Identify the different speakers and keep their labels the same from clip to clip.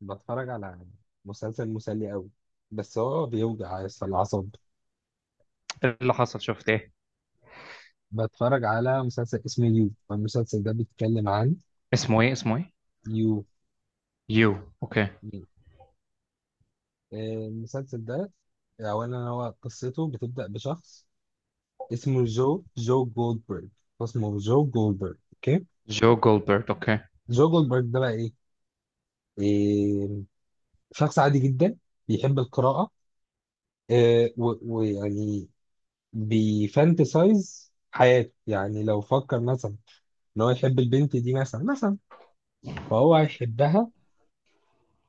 Speaker 1: بتفرج على مسلسل مسلي قوي، بس هو بيوجع يس الأعصاب.
Speaker 2: إيه اللي حصل؟ شفت ايه؟
Speaker 1: بتفرج على مسلسل اسمه يو، المسلسل ده بيتكلم عن.
Speaker 2: اسمه ايه؟
Speaker 1: يو
Speaker 2: يو. اوكي.
Speaker 1: مين؟ آه، المسلسل ده أولا هو قصته بتبدأ بشخص اسمه جو جو جولدبرج، اسمه جو جولدبرج، أوكي.
Speaker 2: جو جولبرت. اوكي.
Speaker 1: جو جولدبرج ده بقى إيه؟ إيه، شخص عادي جدا بيحب القراءة. ويعني بيفانتسايز حياته. يعني لو فكر مثلا ان هو يحب البنت دي، مثلا فهو هيحبها،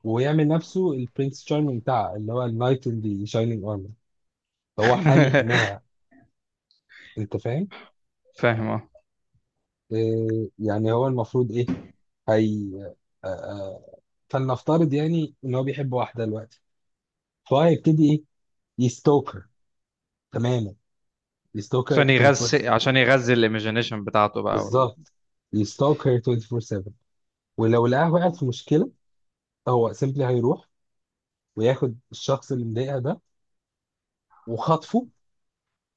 Speaker 1: ويعمل نفسه البرنس تشارمينج بتاعها اللي هو النايت ان دي شاينينج ارمر، فهو حامي حماها. انت فاهم؟
Speaker 2: فاهم اه.
Speaker 1: إيه يعني، هو المفروض ايه؟ هي، آه، آه، فلنفترض يعني ان هو بيحب واحده دلوقتي، فهو هيبتدي ايه؟ يستوكر. تماما، يستوكر
Speaker 2: عشان
Speaker 1: 24
Speaker 2: يغذي
Speaker 1: 7.
Speaker 2: عشان يغذي الايميجينيشن بتاعته بقى وال...
Speaker 1: بالظبط، يستوكر 24 7. ولو لقاها وقعت في مشكله، هو سيمبلي هيروح وياخد الشخص اللي مضايقها ده وخطفه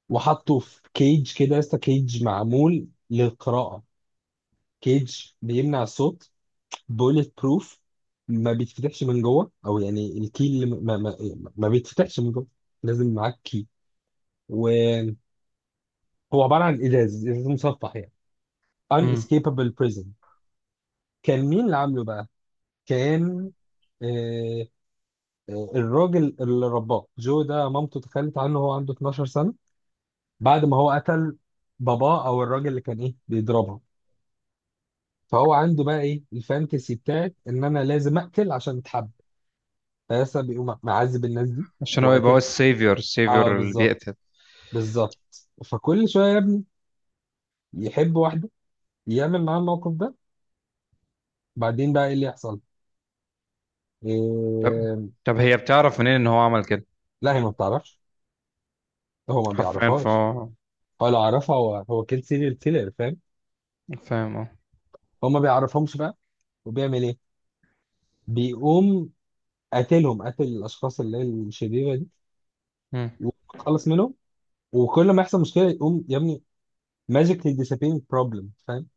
Speaker 1: وحطه في كيج، كده يا اسطى، كيج معمول للقراءة، كيج بيمنع الصوت، بوليت بروف، ما بيتفتحش من جوه، او يعني الكي اللي ما بيتفتحش من جوه، لازم معاك كي. وهو عبارة عن ازاز ازاز مصفح يعني،
Speaker 2: مم.
Speaker 1: unescapable prison. كان مين اللي عامله بقى؟ كان آه، الراجل اللي رباه جو ده، مامته تخلت عنه وهو عنده 12 سنة بعد ما هو قتل باباه، او الراجل اللي كان ايه بيضربها. فهو عنده بقى ايه، الفانتسي بتاعت ان انا لازم اقتل عشان اتحب، فلسه بيقوم معذب الناس دي
Speaker 2: عشان هو يبقى هو
Speaker 1: وقتل.
Speaker 2: السيفيور
Speaker 1: اه،
Speaker 2: السيفيور اللي
Speaker 1: بالظبط.
Speaker 2: بيقتل.
Speaker 1: بالظبط، فكل شويه يا ابني يحب واحده، يعمل معاها الموقف ده، بعدين بقى ايه اللي يحصل؟
Speaker 2: طب
Speaker 1: إيه...
Speaker 2: طب هي بتعرف منين ان هو عمل كده؟
Speaker 1: لا، هي ما بتعرفش، هو ما
Speaker 2: حرفيا
Speaker 1: بيعرفهاش.
Speaker 2: فهو
Speaker 1: هو لو عرفها، هو سيريال كيلر، فاهم.
Speaker 2: فاهم
Speaker 1: هو ما بيعرفهمش بقى، وبيعمل ايه؟ بيقوم قاتلهم، قاتل الاشخاص اللي هي الشريره دي
Speaker 2: اه.
Speaker 1: وخلص منهم. وكل ما يحصل مشكله يقوم يا ابني ماجيكلي disappearing problem، فاهم؟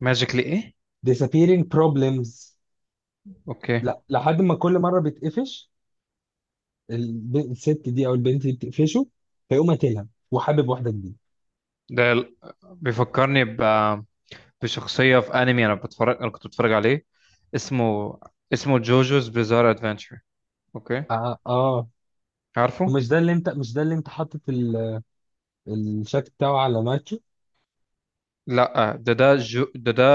Speaker 2: ماجيكلي ايه؟
Speaker 1: disappearing problems.
Speaker 2: اوكي.
Speaker 1: لا، لحد ما كل مره بتقفش الست دي او البنت دي بتقفشه، فيقوم قاتلها وحابب واحده جديده.
Speaker 2: ده ال- بيفكرني بشخصية في انمي، انا كنت بتفرج عليه، اسمه جوجوز بيزار ادفنتشر. اوكي.
Speaker 1: اه، اه.
Speaker 2: عارفه.
Speaker 1: ومش ده اللي انت مش ده اللي انت حاطط الشكل بتاعه على ماتشو.
Speaker 2: لا، ده ده جو، ده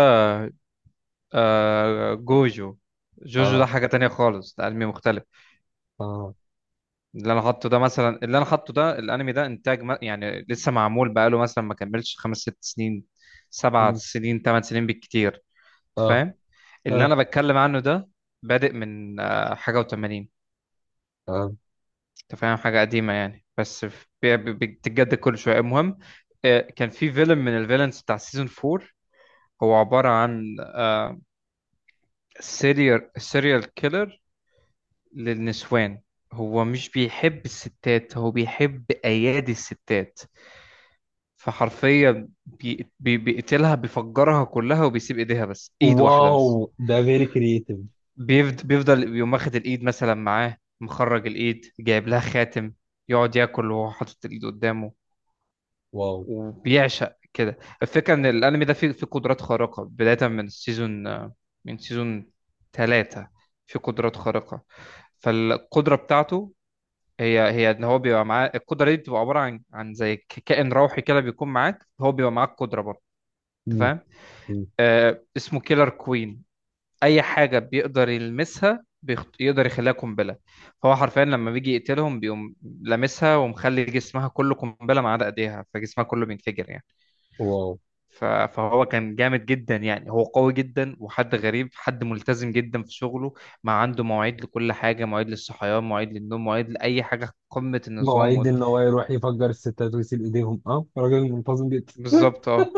Speaker 2: آه، جوجو. جوجو ده
Speaker 1: اه،
Speaker 2: حاجة تانية خالص، ده أنمي مختلف.
Speaker 1: اه.
Speaker 2: اللي أنا حاطه ده مثلا، اللي أنا حاطه ده، الأنمي ده إنتاج ما يعني لسه معمول، بقاله مثلا ما كملش 5 6 سنين، سبع
Speaker 1: مم.
Speaker 2: سنين 8 سنين بالكتير. أنت
Speaker 1: اه،
Speaker 2: فاهم؟ اللي أنا
Speaker 1: اه،
Speaker 2: بتكلم عنه ده بادئ من حاجة و80.
Speaker 1: اه.
Speaker 2: أنت فاهم؟ حاجة قديمة يعني، بس بتتجدد كل شوية. المهم، آه، كان في فيلم من الفيلنز بتاع سيزون 4. هو عبارة عن سيريال كيلر للنسوان. هو مش بيحب الستات، هو بيحب أيادي الستات. فحرفيا بيقتلها، بيفجرها كلها وبيسيب ايديها، بس ايد واحدة
Speaker 1: واو،
Speaker 2: بس.
Speaker 1: ده فيري كرييتيف.
Speaker 2: بيفضل يقوم واخد الايد مثلا معاه، مخرج الايد جايب لها خاتم، يقعد ياكل وهو حاطط الايد قدامه.
Speaker 1: واو.
Speaker 2: وبيعشق كده الفكرة. ان الانمي ده فيه قدرات خارقة بداية من السيزون، من سيزون 3 في قدرات خارقة. فالقدرة بتاعته هي ان هو بيبقى معاه القدره دي، بتبقى عباره عن زي كائن روحي كده بيكون معاك، هو بيبقى معاك قدره برضه. انت
Speaker 1: مم.
Speaker 2: فاهم؟
Speaker 1: مم.
Speaker 2: اسمه كيلر كوين. اي حاجه بيقدر يلمسها يقدر يخليها قنبله. فهو حرفيا لما بيجي يقتلهم بيقوم لامسها، ومخلي جسمها كله قنبله ما عدا ايديها، فجسمها كله بينفجر يعني.
Speaker 1: واو.
Speaker 2: فهو كان جامد جدا يعني، هو قوي جدا وحد غريب، حد ملتزم جدا في شغله. ما عنده مواعيد لكل حاجه، مواعيد للصحيان، مواعيد للنوم، مواعيد لاي حاجه. قمه النظام
Speaker 1: مواعيد
Speaker 2: وال...
Speaker 1: ان هو يروح يفجر الستات ويسيب ايديهم، اه، راجل منتظم جدا.
Speaker 2: بالظبط اه.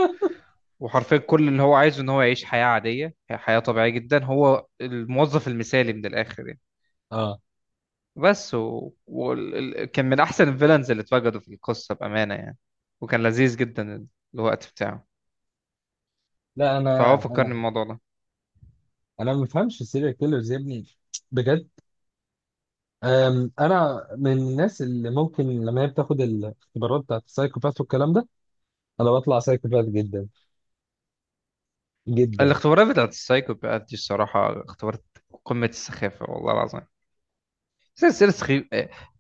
Speaker 2: وحرفيا كل اللي هو عايزه ان هو يعيش حياة عادية، حياة طبيعية جدا. هو الموظف المثالي من الاخر يعني.
Speaker 1: اه.
Speaker 2: بس كان من احسن الفيلنز اللي اتوجدوا في القصة بأمانة يعني، وكان لذيذ جدا الوقت بتاعه.
Speaker 1: لا، انا،
Speaker 2: فهو فكرني
Speaker 1: انا
Speaker 2: الموضوع ده.
Speaker 1: انا ما بفهمش السيريال كيلرز يا ابني، بجد. انا من الناس اللي ممكن لما هي بتاخد الاختبارات بتاعت السايكوباث والكلام ده، انا بطلع سايكوباث جدا جدا.
Speaker 2: الاختبارات بتاعت السايكوباث دي الصراحة اختبارات قمة السخافة، والله العظيم. سلسلة سخيف.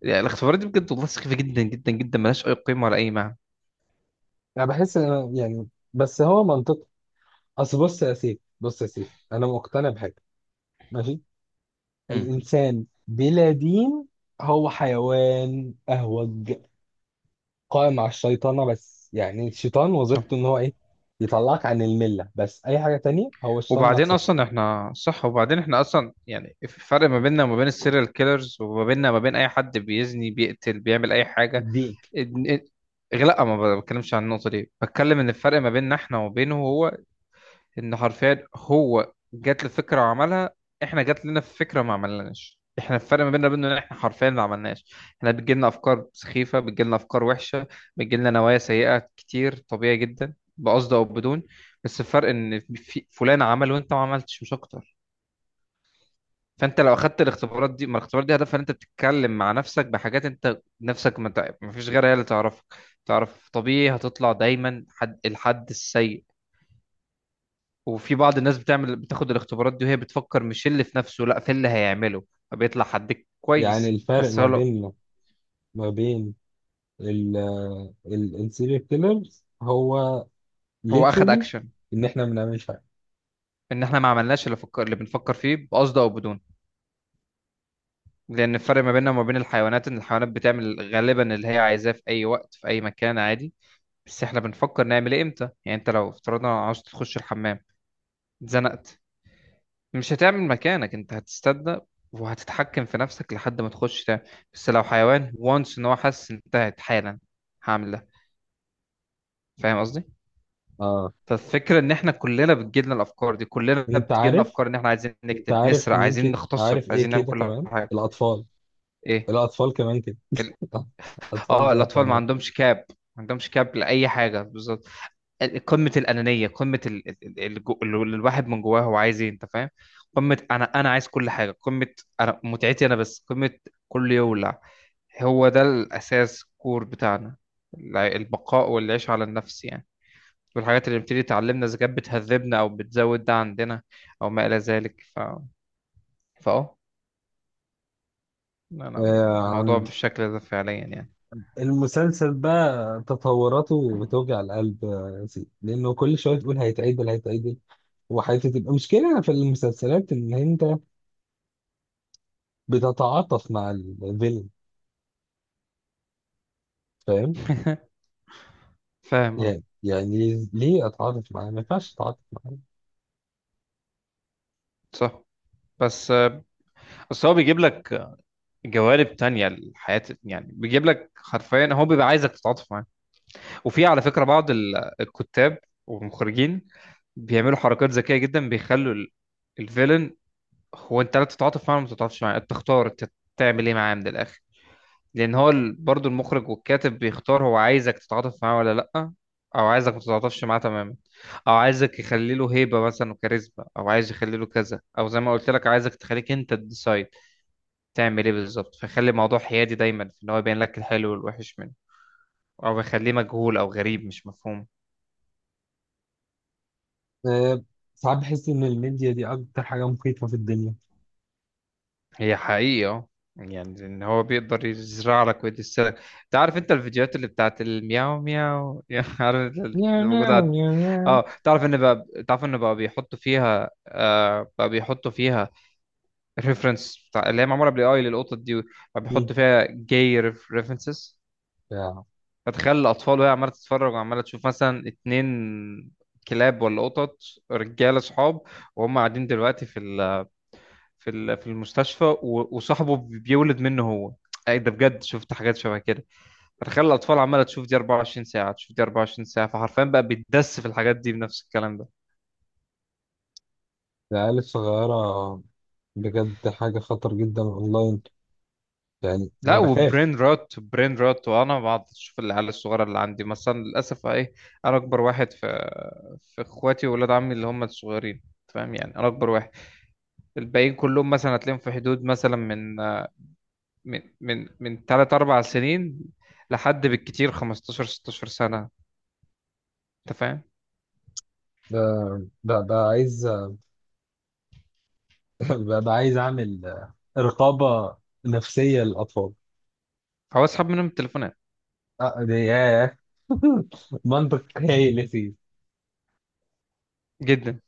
Speaker 2: يعني الاختبارات دي بجد والله سخيفة جدا جدا جدا، ملهاش أي قيمة ولا أي معنى.
Speaker 1: انا بحس ان أنا يعني، بس هو منطق. اصل بص يا سيف، بص يا سيف، انا مقتنع بحاجه، ماشي.
Speaker 2: امم.
Speaker 1: الانسان بلا دين هو حيوان اهوج قائم على الشيطنه. بس يعني الشيطان
Speaker 2: صح.
Speaker 1: وظيفته ان هو ايه؟ يطلعك عن المله، بس اي حاجه تانية هو الشيطان
Speaker 2: وبعدين
Speaker 1: نفسك.
Speaker 2: اصلا احنا صح، وبعدين احنا اصلا يعني، الفرق ما بيننا وما بين السيريال كيلرز، وما بيننا وما بين اي حد بيزني، بيقتل، بيعمل اي حاجه.
Speaker 1: الدين،
Speaker 2: إن- إن- لا، ما بتكلمش عن النقطه دي، بتكلم ان الفرق ما بيننا احنا وبينه، هو ان حرفيا هو جات له فكره وعملها، احنا جات لنا فكره ما عملناش. احنا الفرق ما بيننا وبينه ان احنا حرفيا ما عملناش. احنا بتجيلنا افكار سخيفه، بتجيلنا افكار وحشه، بتجيلنا نوايا سيئه كتير، طبيعي جدا، بقصد او بدون. بس الفرق ان في فلان عمل وانت ما عملتش، مش اكتر. فانت لو اخدت الاختبارات دي، ما الاختبارات دي هدفها ان انت بتتكلم مع نفسك بحاجات انت نفسك ما فيش غيرها هي اللي تعرفك. تعرف طبيعي هتطلع دايما حد، الحد السيء. وفي بعض الناس بتعمل بتاخد الاختبارات دي وهي بتفكر مش اللي في نفسه، لا في اللي هيعمله، فبيطلع حد
Speaker 1: يعني
Speaker 2: كويس،
Speaker 1: الفرق
Speaker 2: بس
Speaker 1: ما
Speaker 2: هو لأ،
Speaker 1: بيننا ما بين السيريال كيلرز هو
Speaker 2: هو اخد
Speaker 1: literally
Speaker 2: اكشن.
Speaker 1: ان احنا ما بنعملش حاجه.
Speaker 2: ان احنا ما عملناش اللي فكر، اللي بنفكر فيه بقصد او بدون. لان الفرق ما بيننا وما بين الحيوانات، ان الحيوانات بتعمل غالبا اللي هي عايزاه في اي وقت في اي مكان عادي. بس احنا بنفكر نعمل ايه امتى. يعني انت لو افترضنا عاوز تخش الحمام، اتزنقت، مش هتعمل مكانك، انت هتستنى وهتتحكم في نفسك لحد ما تخش تعمل. بس لو حيوان وانس ان هو حاسس، انتهت حالا، هعمل ده. فاهم قصدي؟
Speaker 1: اه.
Speaker 2: فالفكره ان احنا كلنا بتجيلنا الافكار دي، كلنا
Speaker 1: انت
Speaker 2: بتجيلنا
Speaker 1: عارف،
Speaker 2: افكار ان احنا عايزين
Speaker 1: انت
Speaker 2: نكتب،
Speaker 1: عارف
Speaker 2: نسرق،
Speaker 1: مين
Speaker 2: عايزين
Speaker 1: كده؟
Speaker 2: نغتصب،
Speaker 1: عارف ايه
Speaker 2: عايزين نعمل
Speaker 1: كده
Speaker 2: كل
Speaker 1: كمان؟
Speaker 2: حاجه.
Speaker 1: الاطفال.
Speaker 2: ايه؟
Speaker 1: الاطفال كمان كده. اطفال
Speaker 2: اه،
Speaker 1: زي
Speaker 2: الاطفال ما
Speaker 1: حيوانات.
Speaker 2: عندهمش كاب، ما عندهمش كاب لاي حاجه بالظبط. قمه الانانيه، قمه الواحد من جواه هو عايز ايه؟ انت فاهم؟ قمه انا عايز كل حاجه. قمه انا متعتي انا بس. قمه كل يولع. هو ده الاساس، كور بتاعنا. البقاء والعيش على النفس يعني. والحاجات اللي بتبتدي تعلمنا إذا كانت بتهذبنا أو بتزود ده عندنا، أو ما إلى ذلك فأه، أنا الموضوع
Speaker 1: آه،
Speaker 2: بالشكل ده فعليا يعني.
Speaker 1: المسلسل بقى تطوراته بتوجع القلب، سيدي، لانه كل شويه تقول هيتعدل هيتعدل وحياته. تبقى مشكله في المسلسلات ان انت بتتعاطف مع الفيلم، فاهم.
Speaker 2: فاهم أه.
Speaker 1: يعني ليه اتعاطف معاه، ما ينفعش اتعاطف معاه.
Speaker 2: صح. بس، بس هو بيجيب لك جوانب تانية للحياة يعني، بيجيب لك حرفيا، هو بيبقى عايزك تتعاطف معاه. وفي على فكرة بعض الكتاب والمخرجين بيعملوا حركات ذكية جدا، بيخلوا الفيلن، هو انت لا تتعاطف معاه ولا ما تتعاطفش معاه، انت تختار انت تعمل ايه معاه من الاخر. لان هو برضو المخرج والكاتب بيختار هو عايزك تتعاطف معاه ولا لا، او عايزك ما تتعاطفش معاه تماما، او عايزك يخلي له هيبه مثلا وكاريزما، او عايز يخلي له كذا، او زي ما قلت لك عايزك تخليك انت تديسايد تعمل ايه بالظبط، فيخلي الموضوع حيادي دايما، في ان هو يبين لك الحلو والوحش منه، او يخليه مجهول او غريب مش مفهوم.
Speaker 1: آه، ساعات بحس إن الميديا دي أكتر حاجة مخيفة في الدنيا.
Speaker 2: هي حقيقة اه. يعني ان هو بيقدر يزرع لك ويدسلك. انت عارف، انت الفيديوهات اللي بتاعت المياو مياو يعني عارف، انت اللي
Speaker 1: نيا نيا
Speaker 2: موجودة على-
Speaker 1: نيا نيا.
Speaker 2: اه. تعرف ان بقى بيحطوا فيها، آه، بقى بيحطوا فيها ريفرنس بتاع اللي هي معمولة بالاي اي للقطط دي. بقى
Speaker 1: مم.
Speaker 2: بيحطوا فيها جاي ريفرنسز.
Speaker 1: يا-
Speaker 2: فتخيل الاطفال وهي عمالة تتفرج وعمالة تشوف مثلا 2، كلاب ولا قطط، رجالة صحاب وهم قاعدين دلوقتي في المستشفى وصاحبه بيولد منه هو. اي ده بجد، شفت حاجات شبه كده. فتخيل الاطفال عماله تشوف دي 24 ساعه، تشوف دي 24 ساعه، فحرفيا بقى بيتدس في الحاجات دي بنفس الكلام ده.
Speaker 1: العيال الصغيرة، بجد حاجة خطر جدا أونلاين، يعني أنا
Speaker 2: لا،
Speaker 1: بخاف.
Speaker 2: وبرين روت وانا بقعد اشوف العيال الصغيره اللي عندي مثلا للاسف ايه. انا اكبر واحد في اخواتي واولاد عمي اللي هم الصغيرين. فاهم يعني؟ انا اكبر واحد، الباقيين كلهم مثلا هتلاقيهم في حدود مثلا من 3 4 سنين لحد بالكتير 15 16 سنه. انت فاهم؟
Speaker 1: ببقى عايز ببقى عايز أعمل رقابة نفسية للأطفال.
Speaker 2: هو اسحب منهم التليفونات.
Speaker 1: ياه. منطق هايل.
Speaker 2: جدا.